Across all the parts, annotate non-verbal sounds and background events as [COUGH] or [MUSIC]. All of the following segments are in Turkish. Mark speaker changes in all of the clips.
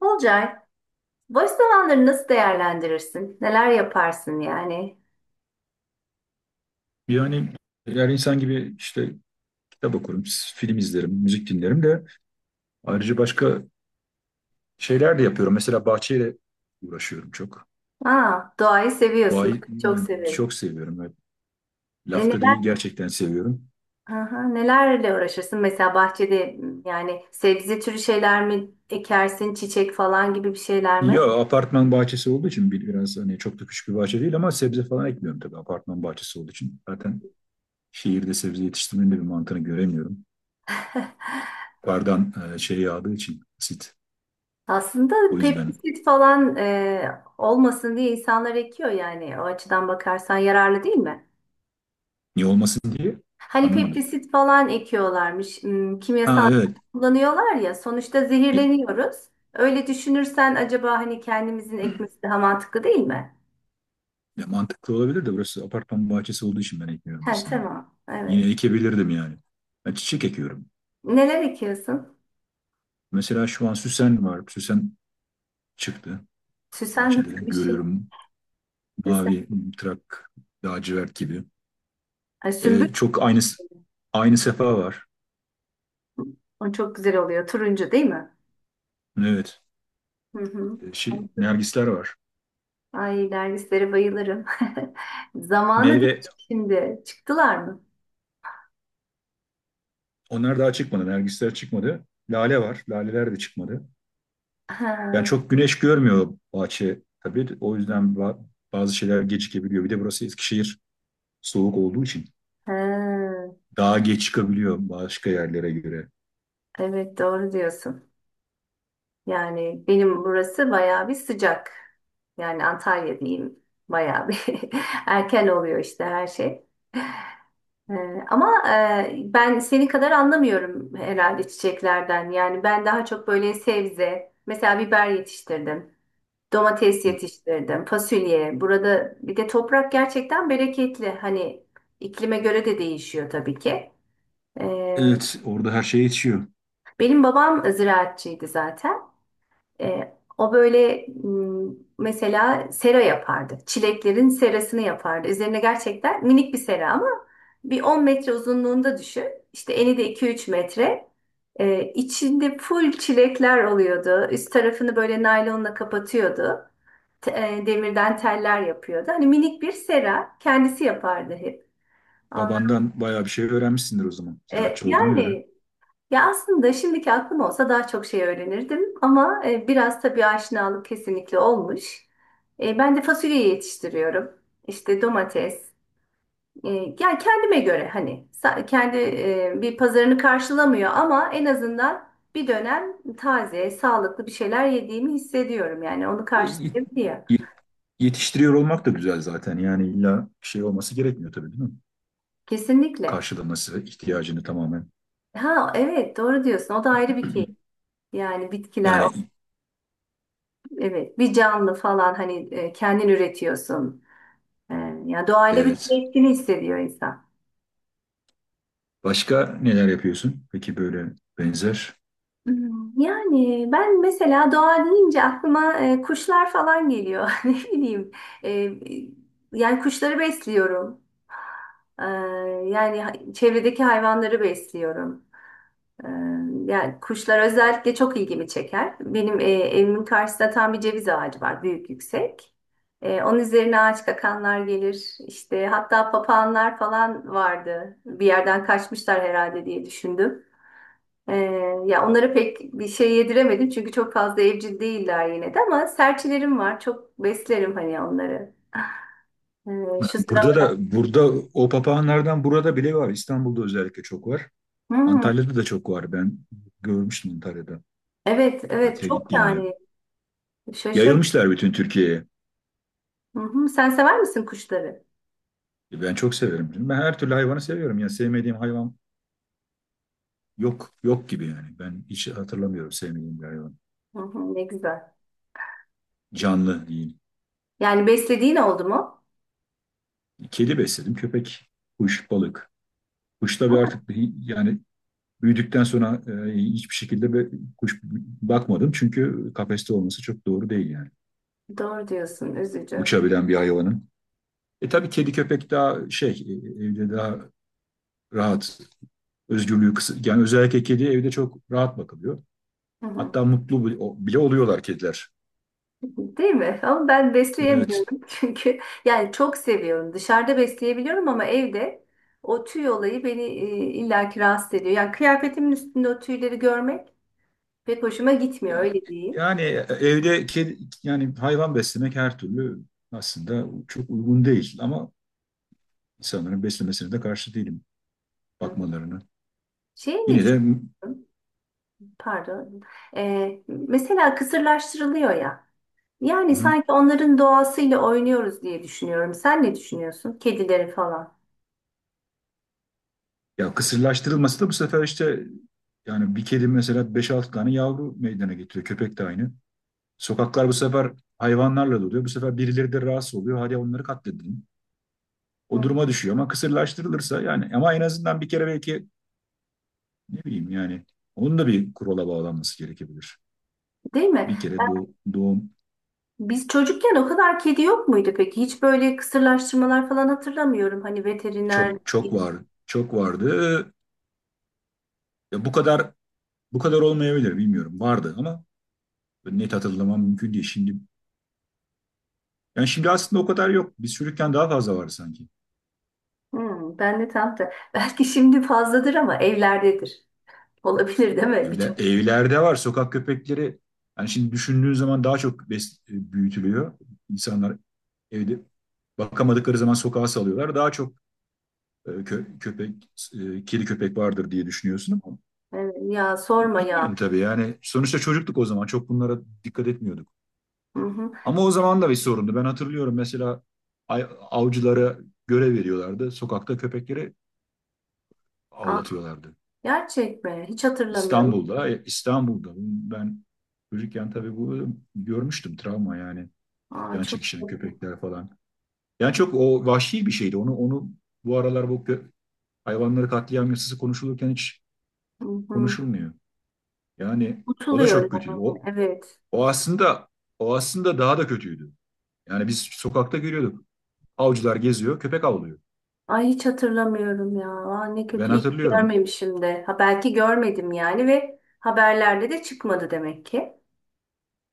Speaker 1: Olcay, boş zamanları nasıl değerlendirirsin? Neler yaparsın yani?
Speaker 2: Yani eğer insan gibi işte kitap okurum, film izlerim, müzik dinlerim de ayrıca başka şeyler de yapıyorum. Mesela bahçeyle uğraşıyorum çok.
Speaker 1: Aa, doğayı seviyorsun.
Speaker 2: Doğayı
Speaker 1: Ben çok severim.
Speaker 2: çok seviyorum ve
Speaker 1: E
Speaker 2: lafta
Speaker 1: neler,
Speaker 2: değil, gerçekten seviyorum.
Speaker 1: aha, nelerle uğraşırsın? Mesela bahçede yani sebze türü şeyler mi ekersin? Çiçek falan gibi bir şeyler mi?
Speaker 2: Ya apartman bahçesi olduğu için biraz, hani çok da küçük bir bahçe değil, ama sebze falan ekmiyorum tabii apartman bahçesi olduğu için. Zaten şehirde sebze yetiştirmenin de bir mantığını göremiyorum.
Speaker 1: [LAUGHS]
Speaker 2: Yukarıdan şey yağdığı için, asit.
Speaker 1: Aslında
Speaker 2: O yüzden
Speaker 1: pestisit falan olmasın diye insanlar ekiyor yani. O açıdan bakarsan yararlı değil mi?
Speaker 2: niye olmasın diye
Speaker 1: Hani
Speaker 2: anlamadım.
Speaker 1: peptisit falan ekiyorlarmış.
Speaker 2: Ha,
Speaker 1: Kimyasal
Speaker 2: evet.
Speaker 1: kullanıyorlar ya. Sonuçta zehirleniyoruz. Öyle düşünürsen acaba hani kendimizin ekmesi daha mantıklı değil mi?
Speaker 2: Ya mantıklı olabilir de burası apartman bahçesi olduğu için ben ekmiyorum
Speaker 1: He,
Speaker 2: aslında.
Speaker 1: tamam. Evet.
Speaker 2: Yine ekebilirdim yani. Ben çiçek ekiyorum.
Speaker 1: Neler ekiyorsun?
Speaker 2: Mesela şu an süsen var. Süsen çıktı
Speaker 1: Süsen
Speaker 2: bahçede.
Speaker 1: nasıl bir şey?
Speaker 2: Görüyorum,
Speaker 1: Süsen.
Speaker 2: mavi trak, lacivert gibi.
Speaker 1: Ay, sümbül.
Speaker 2: Çok aynı sefa var.
Speaker 1: O çok güzel oluyor. Turuncu değil mi?
Speaker 2: Evet.
Speaker 1: Hı hı.
Speaker 2: Nergisler var.
Speaker 1: Ay dervislere bayılırım. [LAUGHS] Zamanı değil
Speaker 2: Meyve,
Speaker 1: şimdi. Çıktılar mı?
Speaker 2: onlar daha çıkmadı. Nergisler çıkmadı. Lale var. Laleler de çıkmadı. Yani
Speaker 1: Ha,
Speaker 2: çok güneş görmüyor bahçe tabii. O yüzden bazı şeyler gecikebiliyor. Bir de burası Eskişehir, soğuk olduğu için.
Speaker 1: ha.
Speaker 2: Daha geç çıkabiliyor başka yerlere göre.
Speaker 1: Evet doğru diyorsun. Yani benim burası bayağı bir sıcak. Yani Antalya diyeyim bayağı bir [LAUGHS] erken oluyor işte her şey. Ee, ama ben seni kadar anlamıyorum herhalde çiçeklerden. Yani ben daha çok böyle sebze, mesela biber yetiştirdim, domates yetiştirdim, fasulye. Burada bir de toprak gerçekten bereketli. Hani iklime göre de değişiyor tabii ki. Ee,
Speaker 2: Evet, orada her şey yetişiyor.
Speaker 1: Benim babam ziraatçıydı zaten. E, o böyle mesela sera yapardı. Çileklerin serasını yapardı. Üzerine gerçekten minik bir sera ama bir 10 metre uzunluğunda düşün. İşte eni de 2-3 metre. İçinde full çilekler oluyordu. Üst tarafını böyle naylonla kapatıyordu. Te- Demirden teller yapıyordu. Hani minik bir sera kendisi yapardı hep. Ondan,
Speaker 2: Babandan bayağı bir şey öğrenmişsindir o zaman,
Speaker 1: e,
Speaker 2: ziraatçı olduğuna göre.
Speaker 1: yani Ya aslında şimdiki aklım olsa daha çok şey öğrenirdim ama biraz tabii aşinalık kesinlikle olmuş. Ben de fasulyeyi yetiştiriyorum. İşte domates. E, Yani kendime göre hani kendi bir pazarını karşılamıyor ama en azından bir dönem taze, sağlıklı bir şeyler yediğimi hissediyorum. Yani onu
Speaker 2: E, yet-
Speaker 1: karşılayabiliyor.
Speaker 2: yet- Yetiştiriyor olmak da güzel zaten. Yani illa bir şey olması gerekmiyor, tabii değil mi?
Speaker 1: Kesinlikle.
Speaker 2: Karşılaması ihtiyacını tamamen.
Speaker 1: Ha evet doğru diyorsun. O da ayrı bir keyif. Yani bitkiler
Speaker 2: Yani,
Speaker 1: evet bir canlı falan hani kendin üretiyorsun. Ee, Ya doğayla
Speaker 2: evet.
Speaker 1: bütünleştiğini hissediyor insan.
Speaker 2: Başka neler yapıyorsun? Peki, böyle benzer.
Speaker 1: Hmm. Yani ben mesela doğa deyince aklıma kuşlar falan geliyor. [LAUGHS] Ne bileyim. e, Yani kuşları besliyorum. Ee, Yani çevredeki hayvanları besliyorum. Ee, Yani kuşlar özellikle çok ilgimi çeker. Benim evimin karşısında tam bir ceviz ağacı var, büyük yüksek. Onun üzerine ağaç kakanlar gelir. İşte hatta papağanlar falan vardı. Bir yerden kaçmışlar herhalde diye düşündüm. Ee, Ya onlara pek bir şey yediremedim çünkü çok fazla evcil değiller yine de ama serçelerim var. Çok beslerim hani onları. Şu
Speaker 2: Burada
Speaker 1: sıralar.
Speaker 2: da burada o papağanlardan burada bile var. İstanbul'da özellikle çok var.
Speaker 1: Hmm,
Speaker 2: Antalya'da da çok var. Ben görmüştüm Antalya'da
Speaker 1: evet evet
Speaker 2: tatile
Speaker 1: çok
Speaker 2: gittiğimde.
Speaker 1: yani şaşırdım.
Speaker 2: Yayılmışlar bütün Türkiye'ye.
Speaker 1: Hı hı. Sen sever misin kuşları?
Speaker 2: Ben çok severim. Ben her türlü hayvanı seviyorum. Yani sevmediğim hayvan yok gibi yani. Ben hiç hatırlamıyorum sevmediğim bir hayvan.
Speaker 1: Hı hı, ne güzel.
Speaker 2: Canlı değil.
Speaker 1: Yani beslediğin oldu mu?
Speaker 2: Kedi besledim, köpek, kuş, balık. Kuş tabii artık yani büyüdükten sonra hiçbir şekilde bir kuş bakmadım. Çünkü kafeste olması çok doğru değil yani.
Speaker 1: Doğru diyorsun, üzücü.
Speaker 2: Uçabilen bir hayvanın. E tabii kedi köpek daha şey evde daha rahat, özgürlüğü kısıt. Yani özellikle kedi evde çok rahat bakılıyor.
Speaker 1: Hı hı.
Speaker 2: Hatta mutlu oluyorlar kediler.
Speaker 1: Değil mi? Ama ben
Speaker 2: Evet.
Speaker 1: besleyemiyorum [LAUGHS] çünkü yani çok seviyorum. Dışarıda besleyebiliyorum ama evde o tüy olayı beni illaki rahatsız ediyor. Yani kıyafetimin üstünde o tüyleri görmek pek hoşuma gitmiyor öyle diyeyim.
Speaker 2: Yani evde kedi, yani hayvan beslemek her türlü aslında çok uygun değil, ama insanların beslemesine de karşı değilim,
Speaker 1: Hı hı.
Speaker 2: bakmalarını.
Speaker 1: Şey, ne
Speaker 2: Yine de, hı
Speaker 1: düşünüyorsun? Pardon. Mesela kısırlaştırılıyor ya. Yani
Speaker 2: hı.
Speaker 1: sanki onların doğasıyla oynuyoruz diye düşünüyorum. Sen ne düşünüyorsun? Kedileri falan.
Speaker 2: Ya kısırlaştırılması da bu sefer işte, yani bir kedi mesela 5-6 tane yavru meydana getiriyor. Köpek de aynı. Sokaklar bu sefer hayvanlarla doluyor. Bu sefer birileri de rahatsız oluyor. Hadi onları katledelim. O
Speaker 1: Hı.
Speaker 2: duruma düşüyor ama kısırlaştırılırsa yani, ama en azından bir kere belki. Ne bileyim yani, onun da bir kurala bağlanması gerekebilir.
Speaker 1: Değil mi?
Speaker 2: Bir kere doğum.
Speaker 1: Biz çocukken o kadar kedi yok muydu peki? Hiç böyle kısırlaştırmalar falan hatırlamıyorum. Hani
Speaker 2: Çok
Speaker 1: veteriner...
Speaker 2: çok var, çok vardı. Ya bu kadar olmayabilir, bilmiyorum. Vardı ama net hatırlamam mümkün değil şimdi. Yani şimdi aslında o kadar yok. Biz çocukken daha fazla var sanki.
Speaker 1: Hmm, ben de tam da... [LAUGHS] Belki şimdi fazladır ama evlerdedir. Olabilir değil mi?
Speaker 2: Evler,
Speaker 1: Birçok...
Speaker 2: evlerde var sokak köpekleri. Yani şimdi düşündüğün zaman daha çok büyütülüyor. İnsanlar evde bakamadıkları zaman sokağa salıyorlar. Daha çok köpek, kedi köpek vardır diye düşünüyorsun ama
Speaker 1: Evet, ya sorma ya.
Speaker 2: bilmiyorum tabii yani, sonuçta çocuktuk o zaman, çok bunlara dikkat etmiyorduk.
Speaker 1: Hı hı.
Speaker 2: Ama o zaman da bir sorundu. Ben hatırlıyorum mesela avcılara görev veriyorlardı. Sokakta köpekleri
Speaker 1: Aa,
Speaker 2: avlatıyorlardı.
Speaker 1: gerçek mi? Hiç hatırlamıyorum.
Speaker 2: İstanbul'da. Ben çocukken tabii bu görmüştüm, travma yani.
Speaker 1: Aa,
Speaker 2: Can
Speaker 1: çok
Speaker 2: çekişen
Speaker 1: kötü.
Speaker 2: köpekler falan. Yani çok o vahşi bir şeydi. Onu bu aralar, bu hayvanları katliam yasası konuşulurken hiç
Speaker 1: Hı hı.
Speaker 2: konuşulmuyor. Yani o da
Speaker 1: Unutuluyor
Speaker 2: çok kötüydü.
Speaker 1: yani. Evet.
Speaker 2: O aslında o aslında daha da kötüydü. Yani biz sokakta görüyorduk. Avcılar geziyor, köpek avlıyor.
Speaker 1: Ay hiç hatırlamıyorum ya. Aa, ne
Speaker 2: Ben
Speaker 1: kötü. İyi ki
Speaker 2: hatırlıyorum.
Speaker 1: görmemişim de. Ha, belki görmedim yani ve haberlerde de çıkmadı demek ki.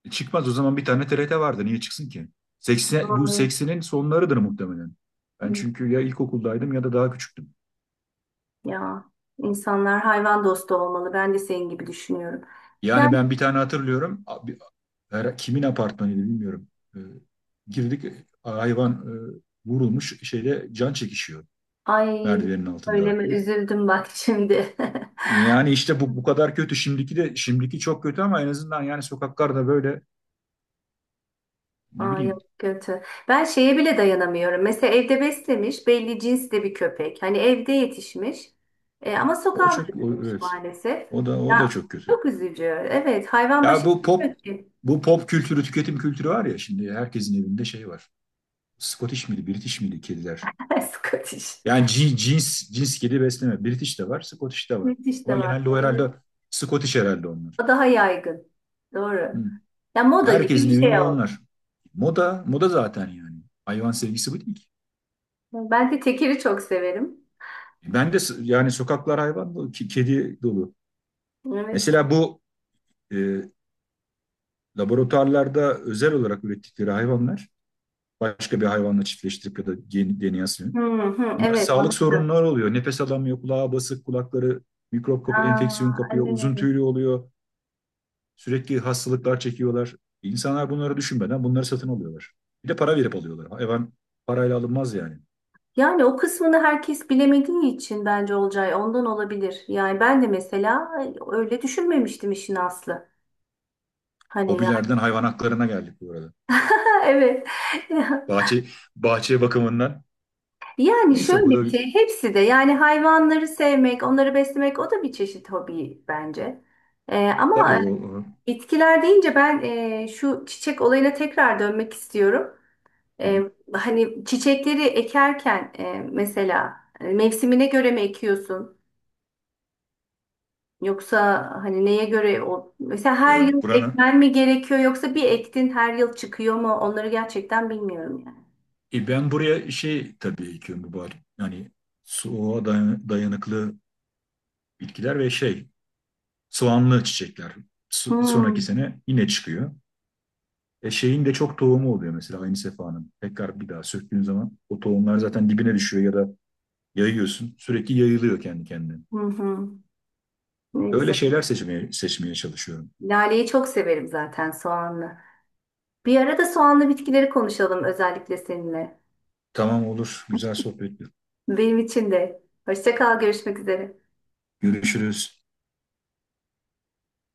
Speaker 2: Çıkmaz, o zaman bir tane TRT vardı. Niye çıksın ki? 80, bu
Speaker 1: Doğru.
Speaker 2: 80'in sonlarıdır muhtemelen. Ben çünkü ya ilkokuldaydım ya da daha küçüktüm.
Speaker 1: Ya insanlar hayvan dostu olmalı. Ben de senin gibi düşünüyorum.
Speaker 2: Yani
Speaker 1: Yani
Speaker 2: ben bir tane hatırlıyorum. Abi, kimin apartmanıydı bilmiyorum. E, girdik, hayvan vurulmuş şeyde can çekişiyor
Speaker 1: ay
Speaker 2: merdivenin
Speaker 1: öyle
Speaker 2: altında.
Speaker 1: mi, üzüldüm bak şimdi. [LAUGHS]
Speaker 2: Yani işte bu kadar kötü. Şimdiki çok kötü ama en azından yani sokaklarda böyle, ne
Speaker 1: Ay
Speaker 2: bileyim.
Speaker 1: yok, kötü. Ben şeye bile dayanamıyorum. Mesela evde beslemiş belli cinsli bir köpek. Hani evde yetişmiş. E, ama
Speaker 2: O
Speaker 1: sokağa
Speaker 2: çok
Speaker 1: bırakılmış
Speaker 2: evet.
Speaker 1: maalesef.
Speaker 2: O da
Speaker 1: Ya
Speaker 2: çok kötü.
Speaker 1: çok üzücü. Evet hayvan
Speaker 2: Ya
Speaker 1: başı
Speaker 2: bu pop
Speaker 1: bilmiyor ki.
Speaker 2: bu pop kültürü, tüketim kültürü var ya, şimdi herkesin evinde şey var. Scottish miydi, British miydi kediler?
Speaker 1: [LAUGHS] Scottish.
Speaker 2: Yani cins cins kedi besleme. British de var, Scottish de var.
Speaker 1: British de
Speaker 2: Ama
Speaker 1: var.
Speaker 2: genelde o
Speaker 1: Doğru.
Speaker 2: herhalde, Scottish herhalde onlar.
Speaker 1: O daha yaygın. Doğru.
Speaker 2: Hı.
Speaker 1: Ya moda gibi
Speaker 2: Herkesin
Speaker 1: bir şey
Speaker 2: evinde
Speaker 1: oldu.
Speaker 2: onlar. Moda, moda zaten yani. Hayvan sevgisi bu değil ki.
Speaker 1: Ben de tekiri çok severim.
Speaker 2: Ben de yani sokaklar hayvan dolu, kedi dolu.
Speaker 1: Evet.
Speaker 2: Mesela bu e, laboratuvarlarda özel olarak ürettikleri hayvanlar başka bir hayvanla çiftleştirip ya da
Speaker 1: Hı hı,
Speaker 2: onlar
Speaker 1: evet
Speaker 2: sağlık
Speaker 1: anladım.
Speaker 2: sorunları oluyor. Nefes alamıyor, kulağı basık, kulakları mikrop kapı, enfeksiyon
Speaker 1: Aa,
Speaker 2: kapıyor, uzun
Speaker 1: evet.
Speaker 2: tüylü oluyor. Sürekli hastalıklar çekiyorlar. İnsanlar bunları düşünmeden bunları satın alıyorlar. Bir de para verip alıyorlar. Hayvan parayla alınmaz yani.
Speaker 1: Yani o kısmını herkes bilemediği için bence Olcay, ondan olabilir. Yani ben de mesela öyle düşünmemiştim işin aslı. Hani ya.
Speaker 2: Hobilerden hayvan haklarına geldik bu arada.
Speaker 1: [LAUGHS] Evet.
Speaker 2: Bahçe, bahçe bakımından.
Speaker 1: Yani
Speaker 2: Neyse,
Speaker 1: şöyle
Speaker 2: bu da
Speaker 1: bir şey, hepsi de yani hayvanları sevmek, onları beslemek o da bir çeşit hobi bence. Ee,
Speaker 2: tabii
Speaker 1: ama e,
Speaker 2: o.
Speaker 1: bitkiler deyince ben şu çiçek olayına tekrar dönmek istiyorum. E, Hani çiçekleri ekerken mesela mevsimine göre mi ekiyorsun? Yoksa hani neye göre o? Mesela
Speaker 2: E,
Speaker 1: her yıl
Speaker 2: Buranın.
Speaker 1: ekmen mi gerekiyor yoksa bir ektin her yıl çıkıyor mu? Onları gerçekten bilmiyorum yani.
Speaker 2: Ben buraya şey tabii ekiyorum bu bahçe. Yani soğuğa dayanıklı bitkiler ve şey, soğanlı çiçekler sonraki
Speaker 1: Hmm.
Speaker 2: sene yine çıkıyor. Şeyin de çok tohumu oluyor, mesela aynı sefanın. Tekrar bir daha söktüğün zaman o tohumlar zaten dibine düşüyor ya da yayıyorsun. Sürekli yayılıyor kendi kendine.
Speaker 1: Hı hı. Ne
Speaker 2: Öyle
Speaker 1: güzel.
Speaker 2: şeyler seçmeye çalışıyorum.
Speaker 1: Laleyi çok severim zaten, soğanlı. Bir ara da soğanlı bitkileri konuşalım özellikle seninle.
Speaker 2: Tamam, olur. Güzel sohbetti.
Speaker 1: Benim için de. Hoşça kal, görüşmek üzere.
Speaker 2: Görüşürüz.